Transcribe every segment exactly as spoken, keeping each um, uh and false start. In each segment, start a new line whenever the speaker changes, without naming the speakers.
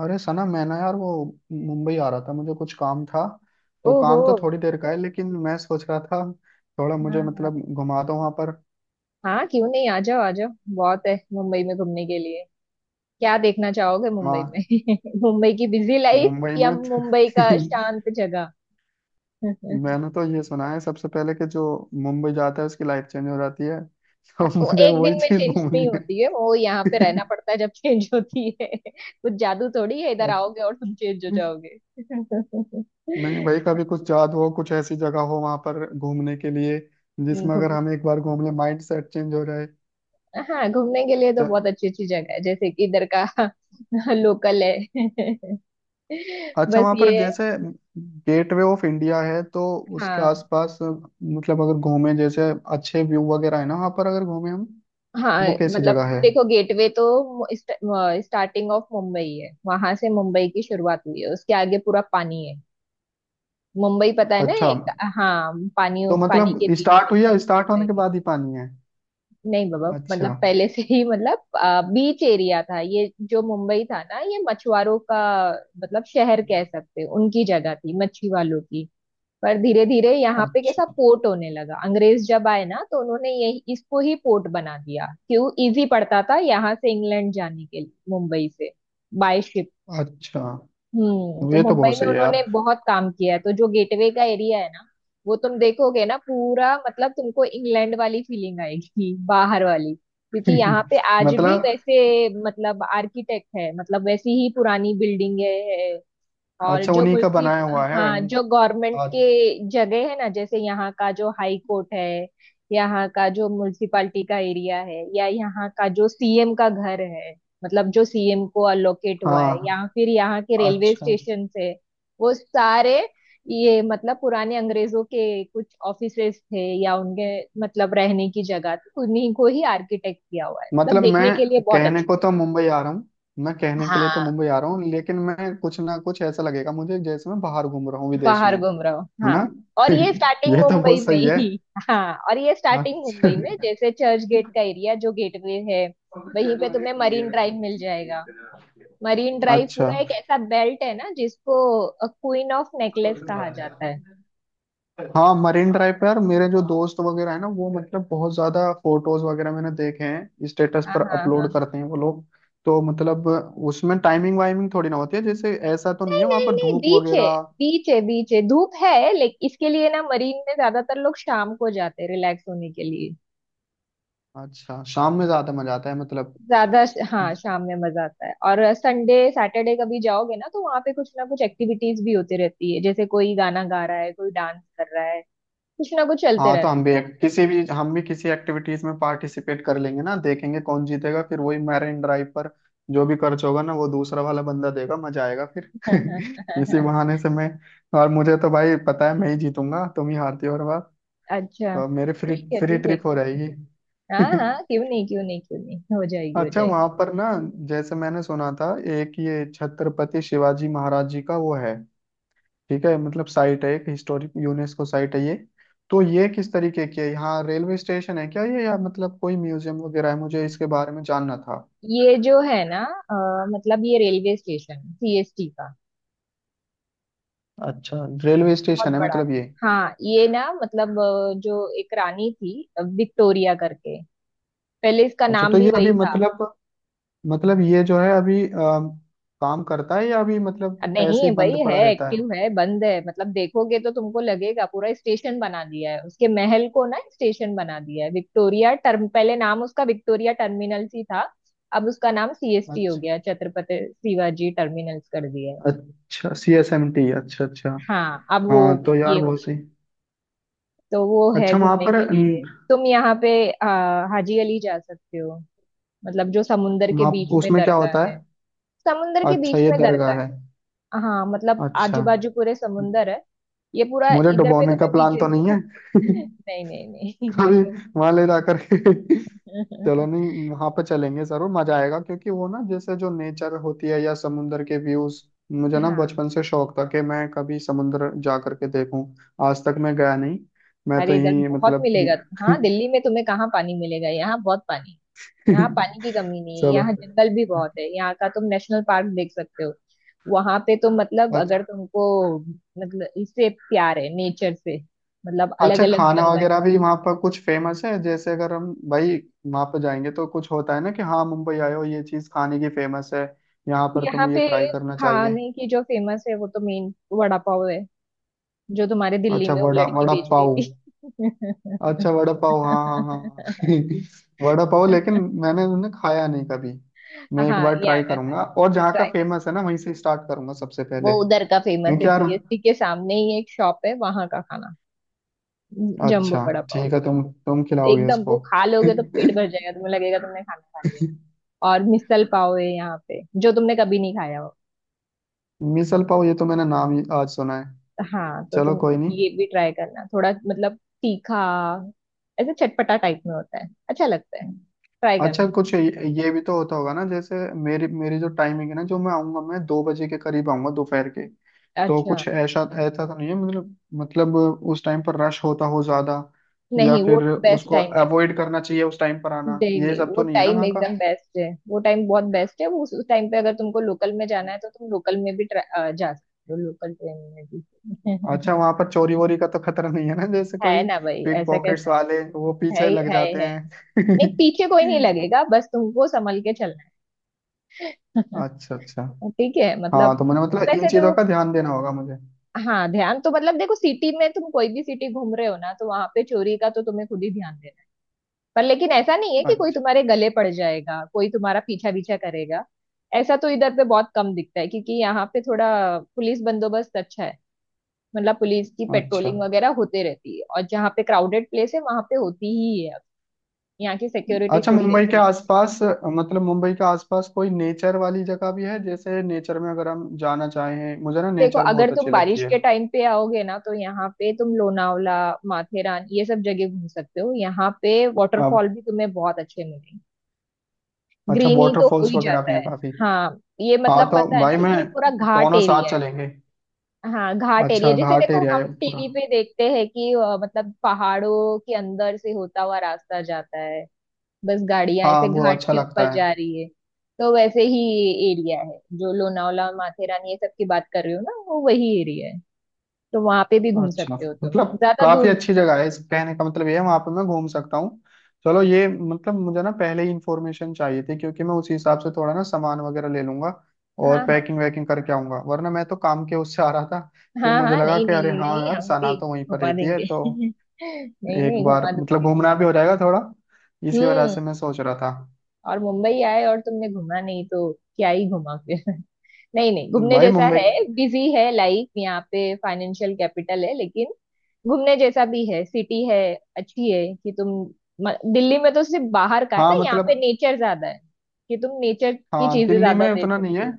अरे सना, मैं ना यार वो मुंबई आ रहा था। मुझे कुछ काम था, तो
ओहो।
काम तो थोड़ी देर का है, लेकिन मैं सोच रहा था थोड़ा मुझे
हाँ हाँ,
मतलब घुमा दो वहां पर।
हाँ क्यों नहीं, आ जाओ आ जाओ। बहुत है मुंबई में घूमने के लिए। क्या देखना चाहोगे मुंबई
वहाँ
में? मुंबई की बिजी लाइफ
मुंबई
या
में
मुंबई का शांत जगह?
मैंने तो ये सुना है सबसे पहले कि जो मुंबई जाता है उसकी लाइफ चेंज हो जाती है तो
वो
मुझे
एक
वही
दिन में
चीज
चेंज नहीं
घूमनी है।
होती है, वो यहाँ पे रहना पड़ता है जब चेंज होती है। कुछ जादू थोड़ी है, इधर आओगे और तुम चेंज हो जाओगे।
नहीं भाई, कभी कुछ याद हो, कुछ ऐसी जगह हो वहां पर घूमने के लिए जिसमें अगर हम
घूमने
एक बार घूम ले माइंड सेट चेंज हो
हाँ, घूमने के लिए तो
जाए।
बहुत अच्छी अच्छी जगह है, जैसे कि इधर का। लोकल है।
अच्छा,
बस
वहां
ये
पर
है,
जैसे गेटवे ऑफ इंडिया है तो उसके
हाँ
आसपास मतलब अगर घूमे, जैसे अच्छे व्यू वगैरह है ना वहां पर, अगर घूमे हम
हाँ।
वो कैसी
मतलब
जगह है?
देखो, गेटवे तो स्टार्टिंग ऑफ मुंबई है, वहां से मुंबई की शुरुआत हुई है, उसके आगे पूरा पानी है। मुंबई पता है ना,
अच्छा,
एक। हाँ, पानी,
तो
पानी
मतलब
के बीच
स्टार्ट
में
हुई या स्टार्ट होने के
एरिया।
बाद ही पानी है?
नहीं बाबा,
अच्छा।
मतलब पहले से ही, मतलब बीच एरिया था ये जो मुंबई था ना, ये मछुआरों का, मतलब शहर कह सकते हो, उनकी जगह थी मच्छी वालों की। पर धीरे धीरे यहाँ पे कैसा
अच्छा।
पोर्ट होने लगा, अंग्रेज जब आए ना तो उन्होंने यही इसको ही पोर्ट बना दिया, क्यों, इजी पड़ता था यहाँ से इंग्लैंड जाने के लिए मुंबई से बाय शिप।
अच्छा,
हम्म, तो
ये तो बहुत
मुंबई में
सही है
उन्होंने
यार।
बहुत काम किया है, तो जो गेटवे का एरिया है ना, वो तुम देखोगे ना, पूरा मतलब तुमको इंग्लैंड वाली फीलिंग आएगी। बाहर वाली, क्योंकि यहाँ पे आज भी
मतलब,
वैसे मतलब आर्किटेक्ट है, मतलब वैसी ही पुरानी बिल्डिंग है। और
अच्छा
जो
उन्हीं का
मुल्की
बनाया हुआ है?
हाँ, जो गवर्नमेंट
आ-
के जगह है ना, जैसे यहाँ का जो हाई कोर्ट है, यहाँ का जो म्युनिसिपालिटी का एरिया है, या यहाँ का जो सीएम का घर है, मतलब जो सीएम को अलोकेट हुआ है,
हाँ।
या फिर यहाँ के रेलवे
अच्छा।
स्टेशन है। वो सारे, ये मतलब पुराने अंग्रेजों के कुछ ऑफिसेस थे, या उनके मतलब रहने की जगह थी, उन्हीं को ही आर्किटेक्ट किया हुआ है, मतलब
मतलब
देखने के लिए
मैं
बहुत
कहने
अच्छा
को तो मुंबई आ रहा हूँ, मैं
है।
कहने के लिए तो
हाँ,
मुंबई आ रहा हूँ, लेकिन मैं कुछ ना कुछ ऐसा लगेगा मुझे जैसे मैं बाहर घूम रहा हूँ विदेश में,
बाहर घूम रहा हो।
है ना।
हाँ। और ये स्टार्टिंग
ये तो बहुत
मुंबई में
सही है।
ही हाँ, और ये स्टार्टिंग
अच्छा।
मुंबई में, जैसे चर्च गेट का एरिया, जो गेटवे है, वहीं पे तुम्हें मरीन ड्राइव मिल जाएगा। मरीन ड्राइव
अच्छा।
पूरा एक ऐसा बेल्ट है ना, जिसको क्वीन ऑफ नेकलेस कहा जाता है।
हाँ, मरीन ड्राइव पे यार मेरे जो दोस्त वगैरह है ना, वो मतलब बहुत ज्यादा फोटोज वगैरह मैंने देखे हैं, स्टेटस
हाँ
पर
हाँ हाँ
अपलोड
हाँ।
करते हैं वो लोग। तो मतलब उसमें टाइमिंग वाइमिंग थोड़ी ना होती है जैसे, ऐसा तो नहीं है
नहीं
वहां
नहीं
पर
नहीं,
धूप
बीच है,
वगैरह?
बीच है, बीच है, धूप है, लेकिन इसके लिए ना मरीन में ज्यादातर लोग शाम को जाते हैं रिलैक्स होने के लिए।
अच्छा, शाम में ज्यादा मजा आता है मतलब।
ज्यादा श- हाँ, शाम में मजा आता है, और संडे सैटरडे कभी जाओगे ना तो वहाँ पे कुछ ना कुछ एक्टिविटीज भी होती रहती है, जैसे कोई गाना गा रहा है, कोई डांस कर रहा है, कुछ ना कुछ चलते
हाँ तो
रहते
हम भी एक, किसी भी, हम भी किसी एक्टिविटीज में पार्टिसिपेट कर लेंगे ना, देखेंगे कौन जीतेगा फिर, वही मैरिन ड्राइव पर। जो भी खर्च होगा ना वो दूसरा वाला बंदा देगा, मजा आएगा फिर।
हैं।
इसी बहाने से मैं। और मुझे तो भाई पता है मैं ही जीतूंगा, तुम ही हारती हो हर बार।
अच्छा।
तो मेरी फ्री
ठीक है,
फ्री
ठीक है,
ट्रिप हो
क्यों नहीं?
रहेगी।
हाँ हाँ, क्यों नहीं, क्यों नहीं, क्यों नहीं, हो जाएगी, हो
अच्छा,
जाएगी।
वहां पर ना, जैसे मैंने सुना था एक ये छत्रपति शिवाजी महाराज जी का वो है, ठीक है मतलब साइट है, एक हिस्टोरिक यूनेस्को साइट है ये। तो ये किस तरीके की है, यहाँ रेलवे स्टेशन है क्या ये, या मतलब कोई म्यूजियम वगैरह है? मुझे इसके बारे में जानना था।
ये जो है ना, अ, मतलब ये रेलवे स्टेशन सीएसटी का
अच्छा, रेलवे
बहुत
स्टेशन है
बड़ा है।
मतलब ये?
हाँ, ये ना, मतलब अ, जो एक रानी थी, अ, विक्टोरिया करके, पहले इसका
अच्छा,
नाम
तो
भी
ये
वही
अभी
था।
मतलब, मतलब ये जो है अभी, अम, काम करता है या अभी मतलब
अब
ऐसे
नहीं
ही
भाई,
बंद
है,
पड़ा रहता है?
एक्टिव है, बंद है मतलब, देखोगे तो तुमको लगेगा पूरा स्टेशन बना दिया है, उसके महल को ना स्टेशन बना दिया है, विक्टोरिया टर्म, पहले नाम उसका विक्टोरिया टर्मिनल ही था, अब उसका नाम सीएसटी हो
अच्छा।
गया, छत्रपति शिवाजी टर्मिनल्स कर दिया है।
अच्छा, सी एस एम टी। अच्छा अच्छा।
हाँ, अब वो
हाँ तो यार
ये हो,
बहुत सही।
तो वो है
अच्छा, वहाँ
घूमने
पर
के लिए।
न,
तुम यहाँ पे आ, हाजी अली जा सकते हो, मतलब जो समुन्दर के
वहाँ
बीच में
उसमें क्या
दरगाह
होता
है।
है?
समुन्दर के
अच्छा,
बीच
ये
में दरगाह
दरगाह है।
है। हाँ, मतलब
अच्छा।
आजू बाजू पूरे समुंदर है। ये पूरा
मुझे
इधर पे
डुबोने
तो
का
मैं
प्लान तो
बीचेस।
नहीं है।
नहीं नहीं
कभी
नहीं।
वहां ले जा करके। चलो, नहीं, वहां पे चलेंगे जरूर, मजा आएगा, क्योंकि वो ना जैसे जो नेचर होती है या समुंदर के व्यूज, मुझे ना
हाँ,
बचपन से शौक था कि मैं कभी समुंदर जा करके देखूं। आज तक मैं गया नहीं। मैं तो
अरे इधर
यही
बहुत
मतलब भी-
मिलेगा। हाँ, दिल्ली में तुम्हें कहाँ पानी मिलेगा, यहाँ बहुत पानी है। यहाँ पानी की कमी नहीं है,
चलो।
यहाँ जंगल भी बहुत है, यहाँ का तुम नेशनल पार्क देख सकते हो। वहां पे तो मतलब, अगर तुमको, मतलब इससे प्यार है नेचर से, मतलब अलग
अच्छा,
अलग
खाना
जंगल।
वगैरह भी वहाँ पर कुछ फेमस है जैसे, अगर हम भाई वहाँ पर जाएंगे तो कुछ होता है ना कि हाँ मुंबई आए हो, ये चीज़ खाने की फेमस है, यहाँ पर
यहाँ
तुम्हें ये
पे
ट्राई करना चाहिए?
खाने की जो फेमस है, वो तो मेन वड़ा पाव है, जो तुम्हारे दिल्ली
अच्छा,
में वो
वड़ा
लड़की
वड़ा
बेच रही
पाव।
थी।
अच्छा वड़ा पाव, हाँ हाँ हाँ हाँ। वड़ा पाव, लेकिन मैंने उन्हें खाया नहीं कभी। मैं एक
हाँ,
बार ट्राई
यहाँ का खाना
करूंगा, और जहाँ का
ट्राई करना।
फेमस है ना वहीं से स्टार्ट करूंगा सबसे पहले,
वो उधर का फेमस
क्योंकि
है,
यार।
सीएसटी के सामने ही एक शॉप है, वहां का खाना, जम्बो
अच्छा।
वड़ा पाव।
ठीक है, तुम तुम खिलाओगे
एकदम,
इसको।
वो खा लोगे तो पेट भर जाएगा, तुम्हें लगेगा तुमने खाना खा लिया है। और मिसल पाव है यहाँ पे, जो तुमने कभी नहीं खाया हो।
मिसल पाव, ये तो मैंने नाम ही आज सुना है।
हाँ तो
चलो
तुम
कोई नहीं।
ये भी ट्राई करना, थोड़ा मतलब तीखा, ऐसे चटपटा टाइप में होता है, अच्छा लगता है, ट्राई
अच्छा,
करना।
कुछ ये ये भी तो होता होगा ना, जैसे मेरी मेरी जो टाइमिंग है ना, जो मैं आऊंगा, मैं दो बजे के करीब आऊंगा दोपहर के। तो
अच्छा।
कुछ ऐसा ऐसा तो नहीं है मतलब, मतलब उस टाइम पर रश होता हो ज्यादा, या
नहीं, वो
फिर
बेस्ट
उसको
टाइम है।
अवॉइड करना चाहिए उस टाइम पर आना,
नहीं
ये
नहीं,
सब तो
वो
नहीं है ना
टाइम
वहाँ का?
एकदम बेस्ट है, वो टाइम बहुत बेस्ट है, वो उस टाइम पे अगर तुमको लोकल में जाना है तो तुम लोकल में भी tra- अ, जा सकते हो, लोकल ट्रेन में
अच्छा,
भी।
वहाँ पर चोरी वोरी का तो खतरा नहीं है ना, जैसे
है
कोई
ना भाई,
पिक
ऐसा
पॉकेट्स
कैसा है?
वाले वो
है
पीछे
ही-
लग
है
जाते
है नहीं,
हैं।
पीछे कोई नहीं लगेगा, बस तुमको संभल के चलना
अच्छा अच्छा।
है। ठीक है,
हाँ,
मतलब
तो मैंने मतलब इन
वैसे
चीजों
तो।
का ध्यान देना होगा मुझे।
हाँ, ध्यान तो मतलब देखो, सिटी में तुम कोई भी सिटी घूम रहे हो ना, तो वहां पे चोरी का तो तुम्हें खुद ही ध्यान देना है। पर लेकिन ऐसा नहीं है कि कोई
अच्छा।
तुम्हारे गले पड़ जाएगा, कोई तुम्हारा पीछा पीछा करेगा। ऐसा तो इधर पे बहुत कम दिखता है, क्योंकि यहाँ पे थोड़ा पुलिस बंदोबस्त अच्छा है, मतलब पुलिस की
अच्छा।
पेट्रोलिंग वगैरह होते रहती है, और जहाँ पे क्राउडेड प्लेस है वहां पे होती ही है। यहाँ की सिक्योरिटी
अच्छा,
थोड़ी
मुंबई के
अच्छी है।
आसपास, मतलब मुंबई के आसपास कोई नेचर वाली जगह भी है, जैसे नेचर में अगर हम जाना चाहें, मुझे ना
देखो,
नेचर
अगर
बहुत अच्छी
तुम
लगती
बारिश
है।
के टाइम पे आओगे ना, तो यहाँ पे तुम लोनावला, माथेरान, ये सब जगह घूम सकते हो, यहाँ पे
अब।
वाटरफॉल भी तुम्हें बहुत अच्छे मिलेंगे,
अच्छा,
ग्रीनरी तो हो
वाटरफॉल्स
ही
वगैरह भी
जाता
हैं
है।
काफी?
हाँ, ये
हाँ
मतलब
तो
पता है ना,
भाई मैं,
ये पूरा घाट
दोनों साथ
एरिया है।
चलेंगे।
हाँ, घाट एरिया,
अच्छा,
जैसे
घाट
देखो
एरिया
हम
है पूरा?
टीवी पे देखते हैं कि अ, मतलब पहाड़ों के अंदर से होता हुआ रास्ता जाता है, बस गाड़ियां
हाँ,
ऐसे
वो
घाट
अच्छा
के ऊपर
लगता है।
जा रही है, तो वैसे ही एरिया है, जो लोनावला माथेरान ये सब की बात कर रही हो ना, वो वही एरिया है, तो वहां पे भी घूम
अच्छा,
सकते हो तुम,
मतलब
ज्यादा
काफी
दूर नहीं
अच्छी
है।
जगह है, इस कहने का मतलब ये है वहां पर मैं घूम सकता हूँ। चलो, ये मतलब मुझे ना पहले ही इंफॉर्मेशन चाहिए थी, क्योंकि मैं उसी हिसाब से थोड़ा ना सामान वगैरह ले लूंगा और
हाँ
पैकिंग
हाँ
वैकिंग करके आऊंगा, वरना मैं तो काम के उससे आ रहा था। फिर
हाँ
मुझे
हाँ।
लगा
नहीं
कि अरे
नहीं
हाँ
नहीं,
यार
हम
सना
भी
तो वहीं पर
घुमा
रहती है,
देंगे।
तो
नहीं
एक
नहीं,
बार
घुमा
मतलब
दूंगी मैं।
घूमना भी हो जाएगा थोड़ा, इसी वजह
हम्म।
से मैं सोच रहा था।
और मुंबई आए और तुमने घुमा नहीं तो क्या ही घुमा फिर। नहीं नहीं, घूमने
भाई
जैसा
मुंबई।
है। बिजी है लाइफ यहाँ पे, फाइनेंशियल कैपिटल है, लेकिन घूमने जैसा भी है, सिटी है अच्छी, है कि तुम। म- दिल्ली में तो सिर्फ बाहर का है
हाँ
ना, यहाँ पे
मतलब।
नेचर ज्यादा है, कि तुम नेचर की
हाँ,
चीजें
दिल्ली
ज्यादा
में
दे
उतना नहीं है।
सकते हो।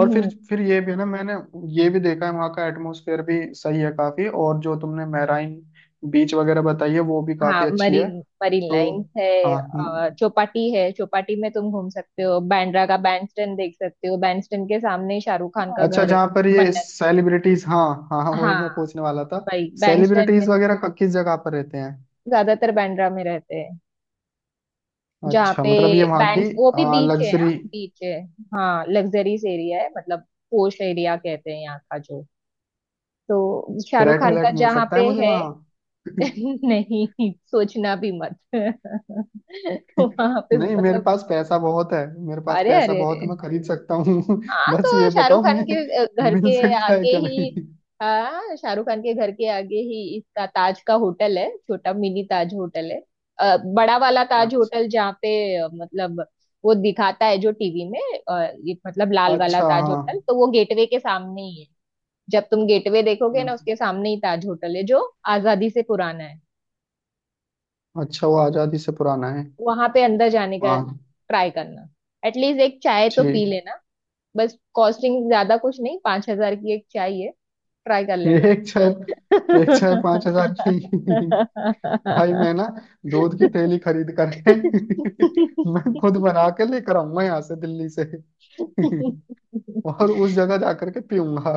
और फिर
हम्म।
फिर ये भी है ना, मैंने ये भी देखा है वहाँ का एटमोसफेयर भी सही है काफी, और जो तुमने मैराइन बीच वगैरह बताई है वो भी काफी
हाँ,
अच्छी है,
मरीन मरीन
तो।
लाइन है,
हाँ,
और
हम्म।
चौपाटी है, चौपाटी में तुम घूम सकते हो, बांद्रा का बैंडस्टैंड देख सकते हो, बैंडस्टैंड के सामने शाहरुख खान का
अच्छा,
घर है।
जहाँ पर ये
मन्नत।
सेलिब्रिटीज, हाँ हाँ हाँ, वही
हाँ
मैं पूछने वाला था।
भाई, बैंडस्टैंड में
सेलिब्रिटीज वगैरह क- किस जगह पर रहते हैं?
ज्यादातर बांद्रा में रहते हैं, जहाँ
अच्छा,
पे
मतलब ये वहाँ की
बैंड वो भी बीच है,
लग्जरी,
हाँ बीच है। हाँ, लग्जरीज एरिया है, मतलब पोश एरिया कहते हैं यहाँ का, जो तो शाहरुख
फ्लैट
खान
व्लैट
का
मिल
जहाँ
सकता
पे
है मुझे
है।
वहाँ?
नहीं, सोचना भी मत। वहां पे
नहीं, मेरे
मतलब,
पास पैसा बहुत है, मेरे पास
अरे
पैसा
अरे अरे।
बहुत है, मैं खरीद सकता हूँ।
हाँ,
बस
तो
ये बताओ
शाहरुख खान
मैं,
के अ, घर
मिल
के
सकता है
आगे
क्या नहीं?
ही, हाँ शाहरुख खान के घर के आगे ही इसका ताज का होटल है, छोटा मिनी ताज होटल है। अ, बड़ा वाला ताज
अच्छा,
होटल, जहाँ पे अ, मतलब वो दिखाता है जो टीवी में, अ, ये मतलब लाल वाला
अच्छा,
ताज
हाँ।
होटल, तो वो गेटवे के सामने ही है। जब तुम गेटवे देखोगे ना,
हाँ।
उसके सामने ही ताज होटल है, जो आजादी से पुराना है।
अच्छा, वो आजादी से पुराना है?
वहां पे अंदर जाने का
हाँ।
ट्राई करना, एटलीस्ट एक चाय तो
ठीक।
पी लेना। बस कॉस्टिंग ज्यादा कुछ नहीं, पांच हजार की एक चाय है, ट्राई कर लेना।
एक चाय, एक चाय पांच हजार की? भाई मैं ना दूध की थैली खरीद करके मैं खुद बना के लेकर आऊंगा यहाँ से, दिल्ली से। और उस जगह जा करके पीऊंगा।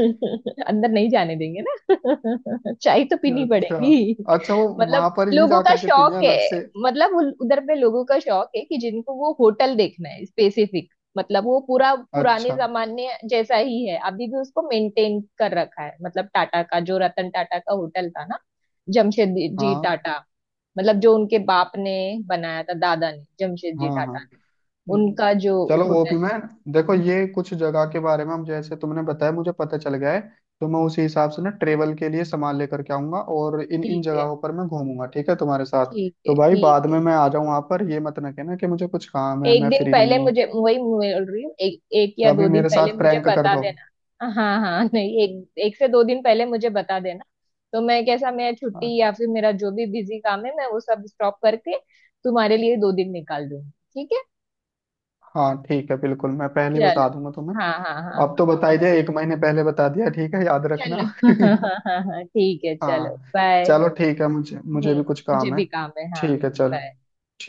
अंदर नहीं जाने देंगे ना, चाय तो पीनी
अच्छा।
पड़ेगी।
अच्छा, वो वहां
मतलब
पर ही
लोगों
जा
का
करके पीनी है
शौक है,
अलग से?
मतलब उल- उधर पे लोगों का शौक है कि जिनको वो होटल देखना है स्पेसिफिक, मतलब वो पूरा पुराने
अच्छा।
जमाने जैसा ही है, अभी भी उसको मेंटेन कर रखा है, मतलब टाटा का, जो रतन टाटा का होटल था ना, जमशेदजी
हाँ
टाटा, मतलब जो उनके बाप ने बनाया था, दादा ने, जमशेद जी
हाँ हाँ।
टाटा ने, उनका जो
चलो, वो भी
होटल है।
मैं देखो, ये कुछ जगह के बारे में, हम, जैसे तुमने बताया मुझे पता चल गया है, तो मैं उसी हिसाब से ना ट्रेवल के लिए सामान लेकर के आऊंगा, और इन इन
ठीक है,
जगहों पर मैं घूमूंगा, ठीक है तुम्हारे साथ।
ठीक
तो
है,
भाई,
ठीक
बाद
है।
में मैं आ जाऊँ वहां पर, ये मत ना कहना कि मुझे कुछ काम है
एक
मैं
दिन
फ्री
पहले
नहीं हूँ,
मुझे वही बोल रही हूँ, एक, एक या
कभी
दो दिन
मेरे
पहले
साथ
मुझे
प्रैंक कर
बता
दो।
देना, हाँ हाँ। नहीं, एक एक से दो दिन पहले मुझे बता देना, तो मैं कैसा, मेरा छुट्टी
हाँ
या फिर मेरा जो भी बिजी काम है मैं वो सब स्टॉप करके तुम्हारे लिए दो दिन निकाल दूंगी। ठीक है।
हाँ, ठीक है, बिल्कुल मैं पहले ही बता
चलो,
दूंगा तुम्हें।
हाँ हाँ
अब
हाँ।
तो बता ही दिया, एक महीने पहले बता दिया, ठीक है, याद रखना।
चलो, हाँ हाँ हाँ हाँ, ठीक है, चलो,
हाँ।
बाय।
चलो ठीक है, मुझे मुझे
हम्म।
भी कुछ
मुझे
काम है।
भी काम है। हाँ,
ठीक है, चलो।
बाय।
ठीक।